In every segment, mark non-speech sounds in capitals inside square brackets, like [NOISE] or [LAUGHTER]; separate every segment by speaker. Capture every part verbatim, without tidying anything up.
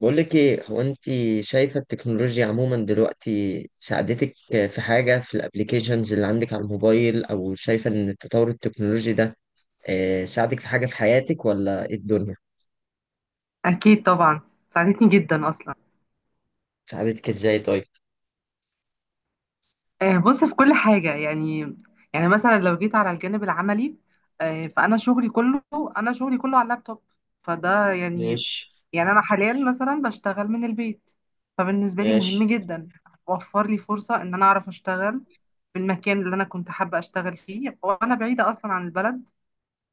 Speaker 1: بقول لك ايه هو انت؟ شايفة التكنولوجيا عموما دلوقتي ساعدتك في حاجة في الابليكيشنز اللي عندك على الموبايل، او شايفة ان التطور التكنولوجي ده آه، ساعدك في حاجة في حياتك، ولا ايه الدنيا؟
Speaker 2: أكيد طبعا. ساعدتني جدا أصلا.
Speaker 1: ساعدتك ازاي طيب؟
Speaker 2: آه، بص، في كل حاجة يعني يعني مثلا لو جيت على الجانب العملي، آه، فأنا شغلي كله، أنا شغلي كله على اللابتوب. فده يعني،
Speaker 1: ماشي.
Speaker 2: يعني أنا حاليا مثلا بشتغل من البيت، فبالنسبة لي مهم
Speaker 1: ماشي.
Speaker 2: جدا. وفر لي فرصة إن أنا أعرف أشتغل في المكان اللي أنا كنت حابة أشتغل فيه، وأنا بعيدة أصلا عن البلد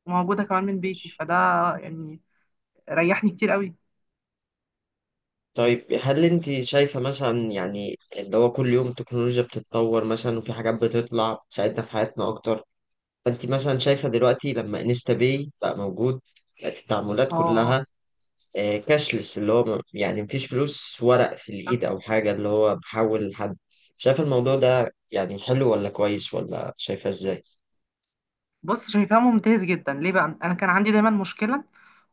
Speaker 2: وموجودة كمان من بيتي.
Speaker 1: ماشي.
Speaker 2: فده يعني ريحني كتير قوي.
Speaker 1: طيب هل انت شايفة مثلا يعني اللي هو كل يوم التكنولوجيا بتتطور مثلا وفي حاجات بتطلع بتساعدنا في حياتنا اكتر؟ فانت مثلا شايفة دلوقتي لما انستا باي بقى موجود، بقت التعاملات
Speaker 2: اه،
Speaker 1: كلها آه، كاشلس، اللي هو م- يعني مفيش فلوس ورق في الإيد أو حاجة، اللي هو بحول لحد. شايف الموضوع ده يعني حلو ولا كويس، ولا شايفها إزاي؟
Speaker 2: بص، شايفاه ممتاز جدا. ليه بقى؟ انا كان عندي دايما مشكله،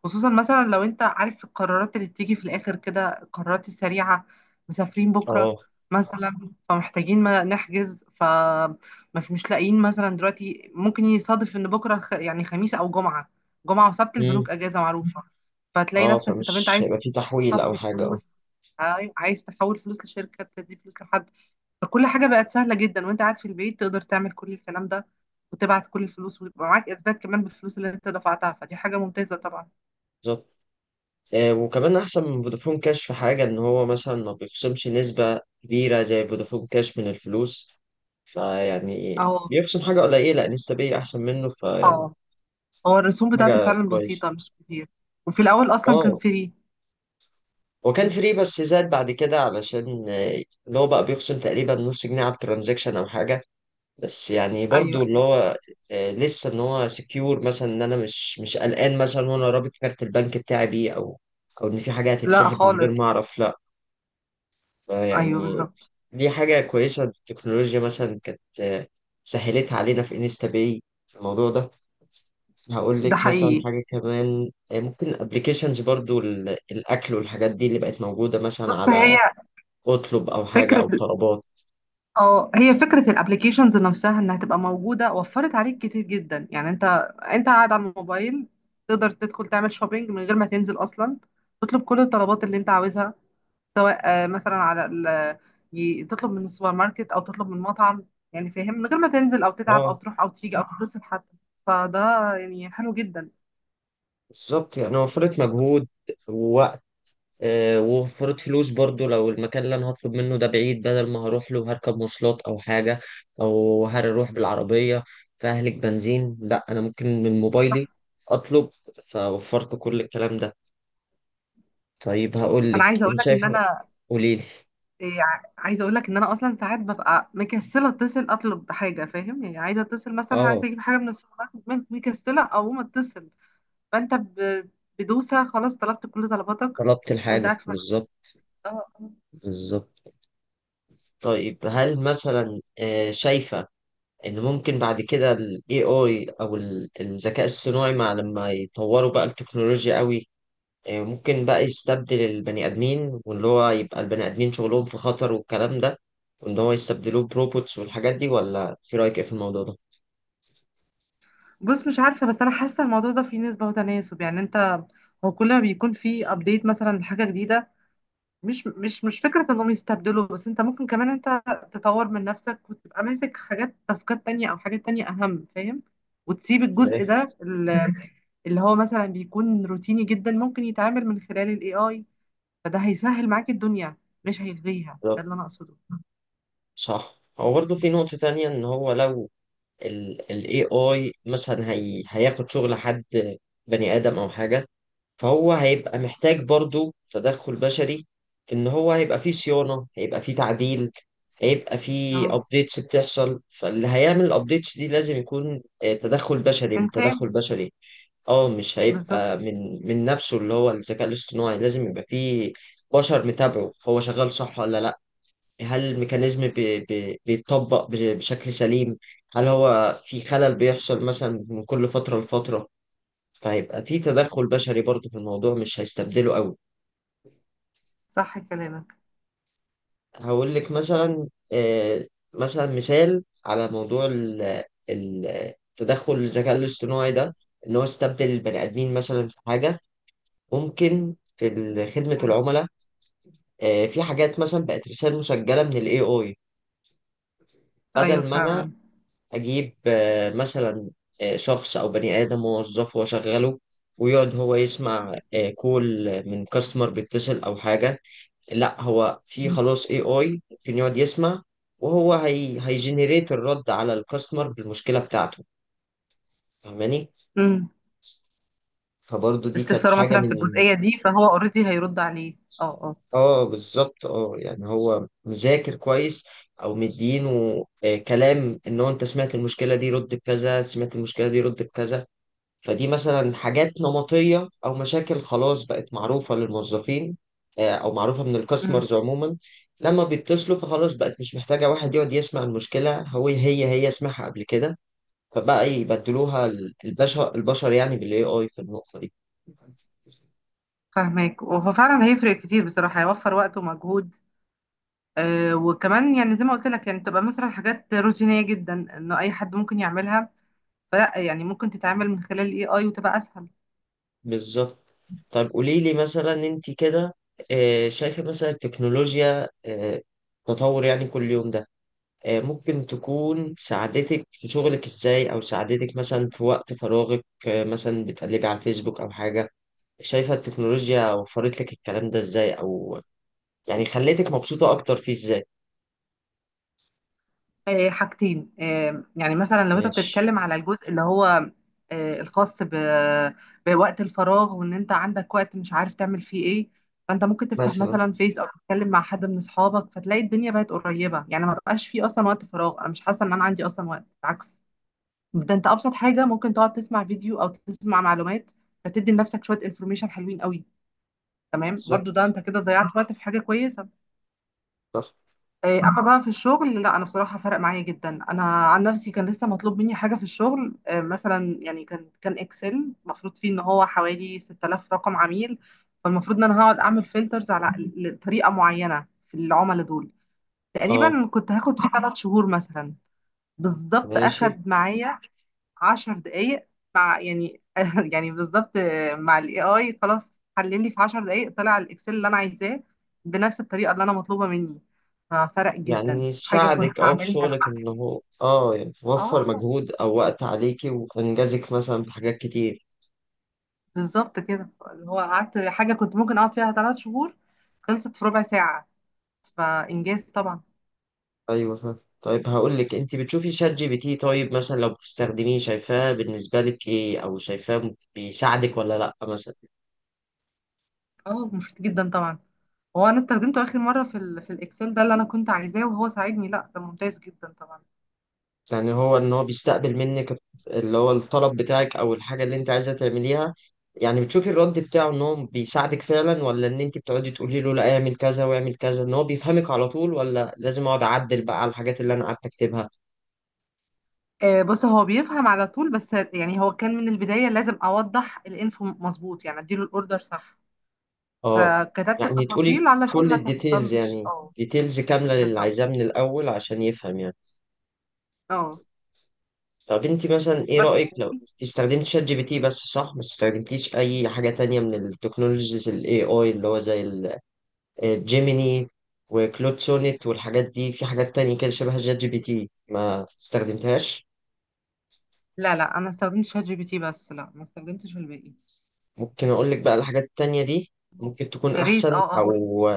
Speaker 2: خصوصا مثلا لو انت عارف القرارات اللي بتيجي في الاخر كده، القرارات السريعه. مسافرين بكره
Speaker 1: اه.
Speaker 2: مثلا، فمحتاجين ما نحجز. ف مش مش لاقيين. مثلا دلوقتي ممكن يصادف ان بكره خ- يعني خميس او جمعه. جمعه وسبت
Speaker 1: مم.
Speaker 2: البنوك اجازه معروفه. فتلاقي
Speaker 1: اه،
Speaker 2: نفسك، طب انت
Speaker 1: فمش
Speaker 2: عايز
Speaker 1: هيبقى في تحويل
Speaker 2: تحط
Speaker 1: أو حاجة. اه،
Speaker 2: فلوس، عاي- عايز تحول فلوس لشركه، تدي فلوس لحد. فكل حاجة بقت سهلة جدا، وانت قاعد في البيت تقدر تعمل كل الكلام ده، وتبعت كل الفلوس، ويبقى معاك اثبات كمان بالفلوس اللي انت دفعتها. فدي حاجة ممتازة طبعا.
Speaker 1: بالظبط. آه، وكمان أحسن من فودافون كاش في حاجة، إن هو مثلا ما بيخصمش نسبة كبيرة زي فودافون كاش من الفلوس، فيعني
Speaker 2: اه،
Speaker 1: بيخصم حاجة قليلة نسبية أحسن منه، فيعني
Speaker 2: اه. هو الرسوم بتاعته
Speaker 1: حاجة
Speaker 2: فعلا
Speaker 1: كويسة.
Speaker 2: بسيطة، مش كتير. وفي الأول أصلا كان
Speaker 1: اه،
Speaker 2: فري.
Speaker 1: وكان
Speaker 2: مم.
Speaker 1: فري بس زاد بعد كده علشان آه، اللي هو بقى بيخصم تقريبا نص جنيه على الترانزاكشن او حاجه. بس يعني
Speaker 2: أيوه،
Speaker 1: برضو اللي
Speaker 2: أيوه.
Speaker 1: هو آه، لسه ان هو سكيور، مثلا ان انا مش مش قلقان مثلا وانا رابط كارت البنك بتاعي بيه، او او ان في حاجه
Speaker 2: لا
Speaker 1: هتتسحب من غير ما
Speaker 2: خالص.
Speaker 1: اعرف، لا
Speaker 2: أيوه،
Speaker 1: يعني.
Speaker 2: بالظبط.
Speaker 1: دي حاجه كويسه التكنولوجيا مثلا كانت آه، سهلتها علينا في انستا باي، في الموضوع ده. هقول
Speaker 2: ده
Speaker 1: لك مثلا
Speaker 2: حقيقي.
Speaker 1: حاجه كمان، آه، ممكن ابلكيشنز برضو ال- الاكل والحاجات دي اللي بقت موجوده مثلا
Speaker 2: بص، هي
Speaker 1: على اطلب او حاجه
Speaker 2: فكرة
Speaker 1: او طلبات.
Speaker 2: اه هي فكرة الابليكيشنز نفسها انها تبقى موجودة وفرت عليك كتير جدا. يعني انت انت قاعد على الموبايل تقدر تدخل تعمل شوبينج من غير ما تنزل اصلا، تطلب كل الطلبات اللي انت عاوزها، سواء آه، مثلا على ال... ي- تطلب من السوبر ماركت او تطلب من مطعم. يعني فاهم؟ من غير ما تنزل او تتعب او
Speaker 1: اه.
Speaker 2: تروح او تيجي او تتصل حتى. فده يعني حلو جدا.
Speaker 1: بالظبط، يعني وفرت مجهود ووقت، آه ووفرت فلوس برضو لو المكان اللي انا هطلب منه ده بعيد، بدل ما هروح له هركب مواصلات او حاجه، او هروح بالعربيه فاهلك بنزين، لا انا ممكن من موبايلي اطلب، فوفرت كل الكلام ده. طيب هقول
Speaker 2: انا
Speaker 1: لك
Speaker 2: عايزة اقول
Speaker 1: انت
Speaker 2: لك ان
Speaker 1: شايفه.
Speaker 2: انا
Speaker 1: قولي لي.
Speaker 2: إيه، ع- عايزه اقول لك ان انا اصلا ساعات ببقى مكسله اتصل اطلب حاجه. فاهم يعني؟ عايزه اتصل مثلا،
Speaker 1: اه،
Speaker 2: عايزه اجيب حاجه من السوبر ماركت، بس مكسله او ما اتصل. فانت ب- بدوسه، خلاص طلبت كل طلباتك
Speaker 1: طلبت
Speaker 2: وانت
Speaker 1: الحاجه
Speaker 2: قاعد في مكتب.
Speaker 1: بالظبط.
Speaker 2: اه. آه.
Speaker 1: بالظبط. طيب هل مثلا آه شايفه ان ممكن بعد كده ال إيه آي او ال- الذكاء الصناعي مع لما يطوروا بقى التكنولوجيا قوي، آه، ممكن بقى يستبدل البني ادمين، واللي هو يبقى البني ادمين شغلهم في خطر والكلام ده، وان هو يستبدلوه بروبوتس والحاجات دي، ولا في رايك ايه في الموضوع ده؟
Speaker 2: بص، مش عارفه، بس انا حاسه الموضوع ده فيه نسبه وتناسب. يعني انت، هو كل ما بيكون فيه ابديت مثلا لحاجه جديده، مش مش مش فكره انهم يستبدلوا، بس انت ممكن كمان انت تطور من نفسك وتبقى ماسك حاجات، تاسكات تانية او حاجات تانية اهم، فاهم؟ وتسيب الجزء
Speaker 1: ايه.
Speaker 2: ده اللي هو مثلا بيكون روتيني جدا، ممكن يتعامل من خلال الاي اي. فده هيسهل معاك الدنيا، مش هيلغيها. ده
Speaker 1: بالظبط.
Speaker 2: اللي انا اقصده.
Speaker 1: صح، هو برضه في نقطة تانية ان هو لو ال ال إيه آي مثلا هي هياخد شغل حد، بني ادم او حاجة، فهو هيبقى محتاج برضو تدخل بشري، في ان هو هيبقى فيه صيانة، هيبقى فيه تعديل، هيبقى فيه
Speaker 2: اهو،
Speaker 1: ابديتس بتحصل، فاللي هيعمل الابديتس دي لازم يكون آه، تدخل بشري، من
Speaker 2: انسان.
Speaker 1: تدخل بشري. اه، مش
Speaker 2: بالظبط.
Speaker 1: هيبقى من من نفسه اللي هو الذكاء الاصطناعي، لازم يبقى فيه بشر متابعه هو شغال صح ولا لا، هل الميكانيزم بي بي بيتطبق بش- بشكل سليم، هل هو في خلل بيحصل مثلا من كل فترة لفترة، فهيبقى في تدخل بشري برضه في الموضوع، مش هيستبدله قوي.
Speaker 2: صح كلامك.
Speaker 1: هقول لك مثلا، آه، مثلا مثال على موضوع ال- ال- تدخل الذكاء الاصطناعي ده، ان هو استبدل البني ادمين مثلا في حاجه، ممكن في ال- خدمه
Speaker 2: مم.
Speaker 1: العملاء. آه، في حاجات مثلا بقت رسائل مسجله من الاي اي،
Speaker 2: ايوه
Speaker 1: بدل ما انا
Speaker 2: فعلا.
Speaker 1: اجيب آه، مثلا آه، شخص او بني ادم موظف واشغله، ويقعد هو يسمع آه، كول من كاستمر بيتصل او حاجه. لا، هو في
Speaker 2: مم.
Speaker 1: خلاص اي اي ممكن يقعد يسمع، وهو هي هيجنريت الرد على الكاستمر بالمشكله بتاعته، فاهماني؟
Speaker 2: مم.
Speaker 1: فبرضه دي كانت
Speaker 2: استفساره
Speaker 1: حاجه
Speaker 2: مثلا في
Speaker 1: من.
Speaker 2: الجزئيه دي، فهو اوريدي هيرد عليه. اه، اه.
Speaker 1: اه بالظبط، اه يعني هو مذاكر كويس او مدينه آه، كلام، ان هو انت سمعت المشكله دي رد بكذا، سمعت المشكله دي رد بكذا، فدي مثلا حاجات نمطية أو مشاكل خلاص بقت معروفة للموظفين، آه، أو معروفة من
Speaker 2: مم.
Speaker 1: الكاستمرز عموما لما بيتصلوا، فخلاص بقت مش محتاجة واحد يقعد يسمع المشكلة، هو هي هي سمعها قبل كده، فبقى يبدلوها ال- البشر، البشر يعني بالاي اي في النقطة دي.
Speaker 2: فاهمك. وهو فعلا هيفرق كتير بصراحه، هيوفر وقت ومجهود. آه، وكمان يعني زي ما قلت لك، يعني تبقى مثلا حاجات روتينيه جدا انه اي حد ممكن يعملها، فلا. يعني ممكن تتعامل من خلال الاي اي وتبقى اسهل.
Speaker 1: بالظبط. طب قولي لي مثلا انت كده آه، شايفة مثلا التكنولوجيا آه، تطور يعني كل يوم ده آه، ممكن تكون ساعدتك في شغلك ازاي، او ساعدتك مثلا في وقت فراغك، آه، مثلا بتقلبي على الفيسبوك او حاجة، شايفة التكنولوجيا وفرت لك الكلام ده ازاي، او يعني خليتك مبسوطة اكتر فيه ازاي؟
Speaker 2: آه، حاجتين. آه، يعني مثلا لو انت
Speaker 1: ماشي.
Speaker 2: بتتكلم على الجزء اللي هو آه، الخاص ب- بوقت الفراغ، وان انت عندك وقت مش عارف تعمل فيه ايه، فانت ممكن تفتح
Speaker 1: مثلا.
Speaker 2: مثلا فيس او تتكلم مع حد من اصحابك، فتلاقي الدنيا بقت قريبة. يعني ما بقاش فيه اصلا وقت فراغ. انا مش حاسة ان انا عندي اصلا وقت، بالعكس. ده انت ابسط حاجة ممكن تقعد تسمع فيديو او تسمع معلومات، فتدي لنفسك شوية انفورميشن حلوين قوي. تمام، برضو ده
Speaker 1: بالظبط.
Speaker 2: انت كده ضيعت وقت في حاجة كويسة.
Speaker 1: صح.
Speaker 2: إيه، اما بقى في الشغل، لا. انا بصراحه فرق معايا جدا. انا عن نفسي كان لسه مطلوب مني حاجه في الشغل. إيه، مثلا يعني كان كان اكسل المفروض فيه ان هو حوالي ستة آلاف رقم عميل. فالمفروض ان انا هقعد اعمل فلترز على ل- طريقه معينه في العملاء دول.
Speaker 1: اه.
Speaker 2: تقريبا كنت هاخد فيه ثلاث شهور مثلا. بالظبط
Speaker 1: ماشي.
Speaker 2: أخد معايا عشر دقايق، مع يعني [LAUGHS] يعني بالظبط، مع الاي اي. خلاص حلل لي في عشر دقايق، طلع الاكسل اللي انا عايزاه بنفس الطريقه اللي انا مطلوبه مني. ففرق جدا،
Speaker 1: يعني
Speaker 2: حاجه كنت
Speaker 1: ساعدك اه في
Speaker 2: هعملها
Speaker 1: شغلك
Speaker 2: لوحدي.
Speaker 1: ان هو اه يعني وفر
Speaker 2: اه،
Speaker 1: مجهود او وقت عليكي، وانجزك مثلا في حاجات كتير.
Speaker 2: بالظبط كده. اللي هو قعدت حاجه كنت ممكن اقعد فيها ثلاث شهور، خلصت في ربع ساعه. فانجاز طبعا.
Speaker 1: ايوه فاهم. طيب هقول لك، انت بتشوفي شات جي بي تي؟ طيب مثلا لو بتستخدميه، شايفاه بالنسبه لك ايه، او شايفاه بيساعدك ولا لا مثلا؟
Speaker 2: اه، مفيد جدا طبعا. هو انا استخدمته اخر مره في ال في الاكسل ده اللي انا كنت عايزاه وهو ساعدني، لا ده ممتاز جدا طبعا.
Speaker 1: يعني هو ان هو بيستقبل منك اللي هو الطلب بتاعك او الحاجه اللي انت عايزه تعمليها، يعني بتشوفي الرد بتاعه ان هو بيساعدك فعلا، ولا ان انت بتقعدي تقولي له لا اعمل كذا واعمل كذا، ان هو بيفهمك على طول، ولا لازم اقعد اعدل بقى على الحاجات اللي انا قعدت اكتبها؟
Speaker 2: آه، بص، هو بيفهم على طول. بس يعني هو كان من البداية لازم أوضح الانفو مظبوط، يعني أديله الأوردر صح.
Speaker 1: اه
Speaker 2: فكتبت
Speaker 1: يعني تقولي
Speaker 2: التفاصيل علشان
Speaker 1: كل
Speaker 2: ما
Speaker 1: الديتيلز،
Speaker 2: تحصلش.
Speaker 1: يعني
Speaker 2: اه،
Speaker 1: ديتيلز كامله للي
Speaker 2: بالظبط.
Speaker 1: عايزاه من الاول عشان يفهم يعني.
Speaker 2: اه،
Speaker 1: طب انت مثلا ايه
Speaker 2: بس،
Speaker 1: رأيك، لو انت استخدمت شات جي بي تي بس صح، ما استخدمتيش اي حاجة تانية من التكنولوجيز الاي اي اللي هو زي الجيميني وكلود سونيت والحاجات دي، في حاجات تانية كده شبه شات جي بي تي ما استخدمتهاش؟
Speaker 2: لا، لا، أنا استخدمت شات جي بي تي بس. لا، ما استخدمتش الباقي.
Speaker 1: ممكن اقول لك بقى الحاجات التانية دي، ممكن تكون
Speaker 2: يا ريت،
Speaker 1: احسن
Speaker 2: اه، اه، قولي.
Speaker 1: او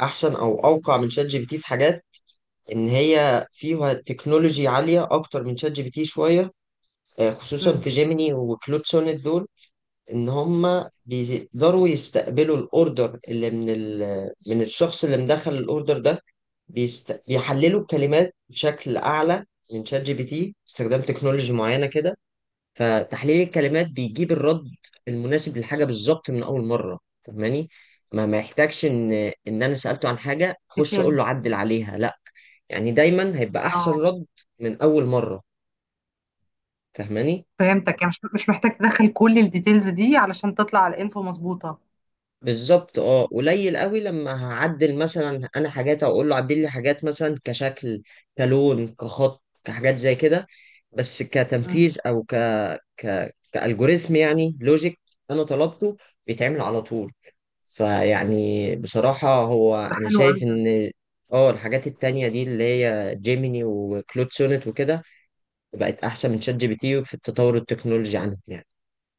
Speaker 1: احسن او اوقع من شات جي بي تي في حاجات، ان هي فيها تكنولوجي عالية اكتر من شات جي بي تي شوية، آه، خصوصا في جيميني وكلود سونيت دول، ان هم بيقدروا يستقبلوا الاوردر اللي من ال... من الشخص اللي مدخل الاوردر ده، بيست... بيحللوا الكلمات بشكل اعلى من شات جي بي تي، استخدام تكنولوجي معينه كده، فتحليل الكلمات بيجيب الرد المناسب للحاجه بالظبط من اول مره، فاهماني؟ ما ما يحتاجش ان ان انا سالته عن حاجه اخش اقول له
Speaker 2: ديتيلز.
Speaker 1: عدل عليها، لا يعني دايما هيبقى
Speaker 2: اه،
Speaker 1: احسن رد من اول مره، فاهماني؟
Speaker 2: فهمتك. يعني مش مش محتاج تدخل كل الديتيلز دي علشان تطلع الانفو مظبوطة.
Speaker 1: بالظبط، اه قليل قوي لما هعدل مثلا انا حاجات، او اقول له عدل لي حاجات مثلا كشكل كلون كخط كحاجات زي كده، بس
Speaker 2: مم.
Speaker 1: كتنفيذ او ك ك كالجوريثم يعني لوجيك انا طلبته، بيتعمل على طول، فيعني بصراحة هو
Speaker 2: ده
Speaker 1: انا
Speaker 2: حلو قوي.
Speaker 1: شايف ان اه الحاجات التانية دي اللي هي جيميني وكلود سونيت وكده بقت احسن من شات جي بي تي في التطور التكنولوجي عنه يعني.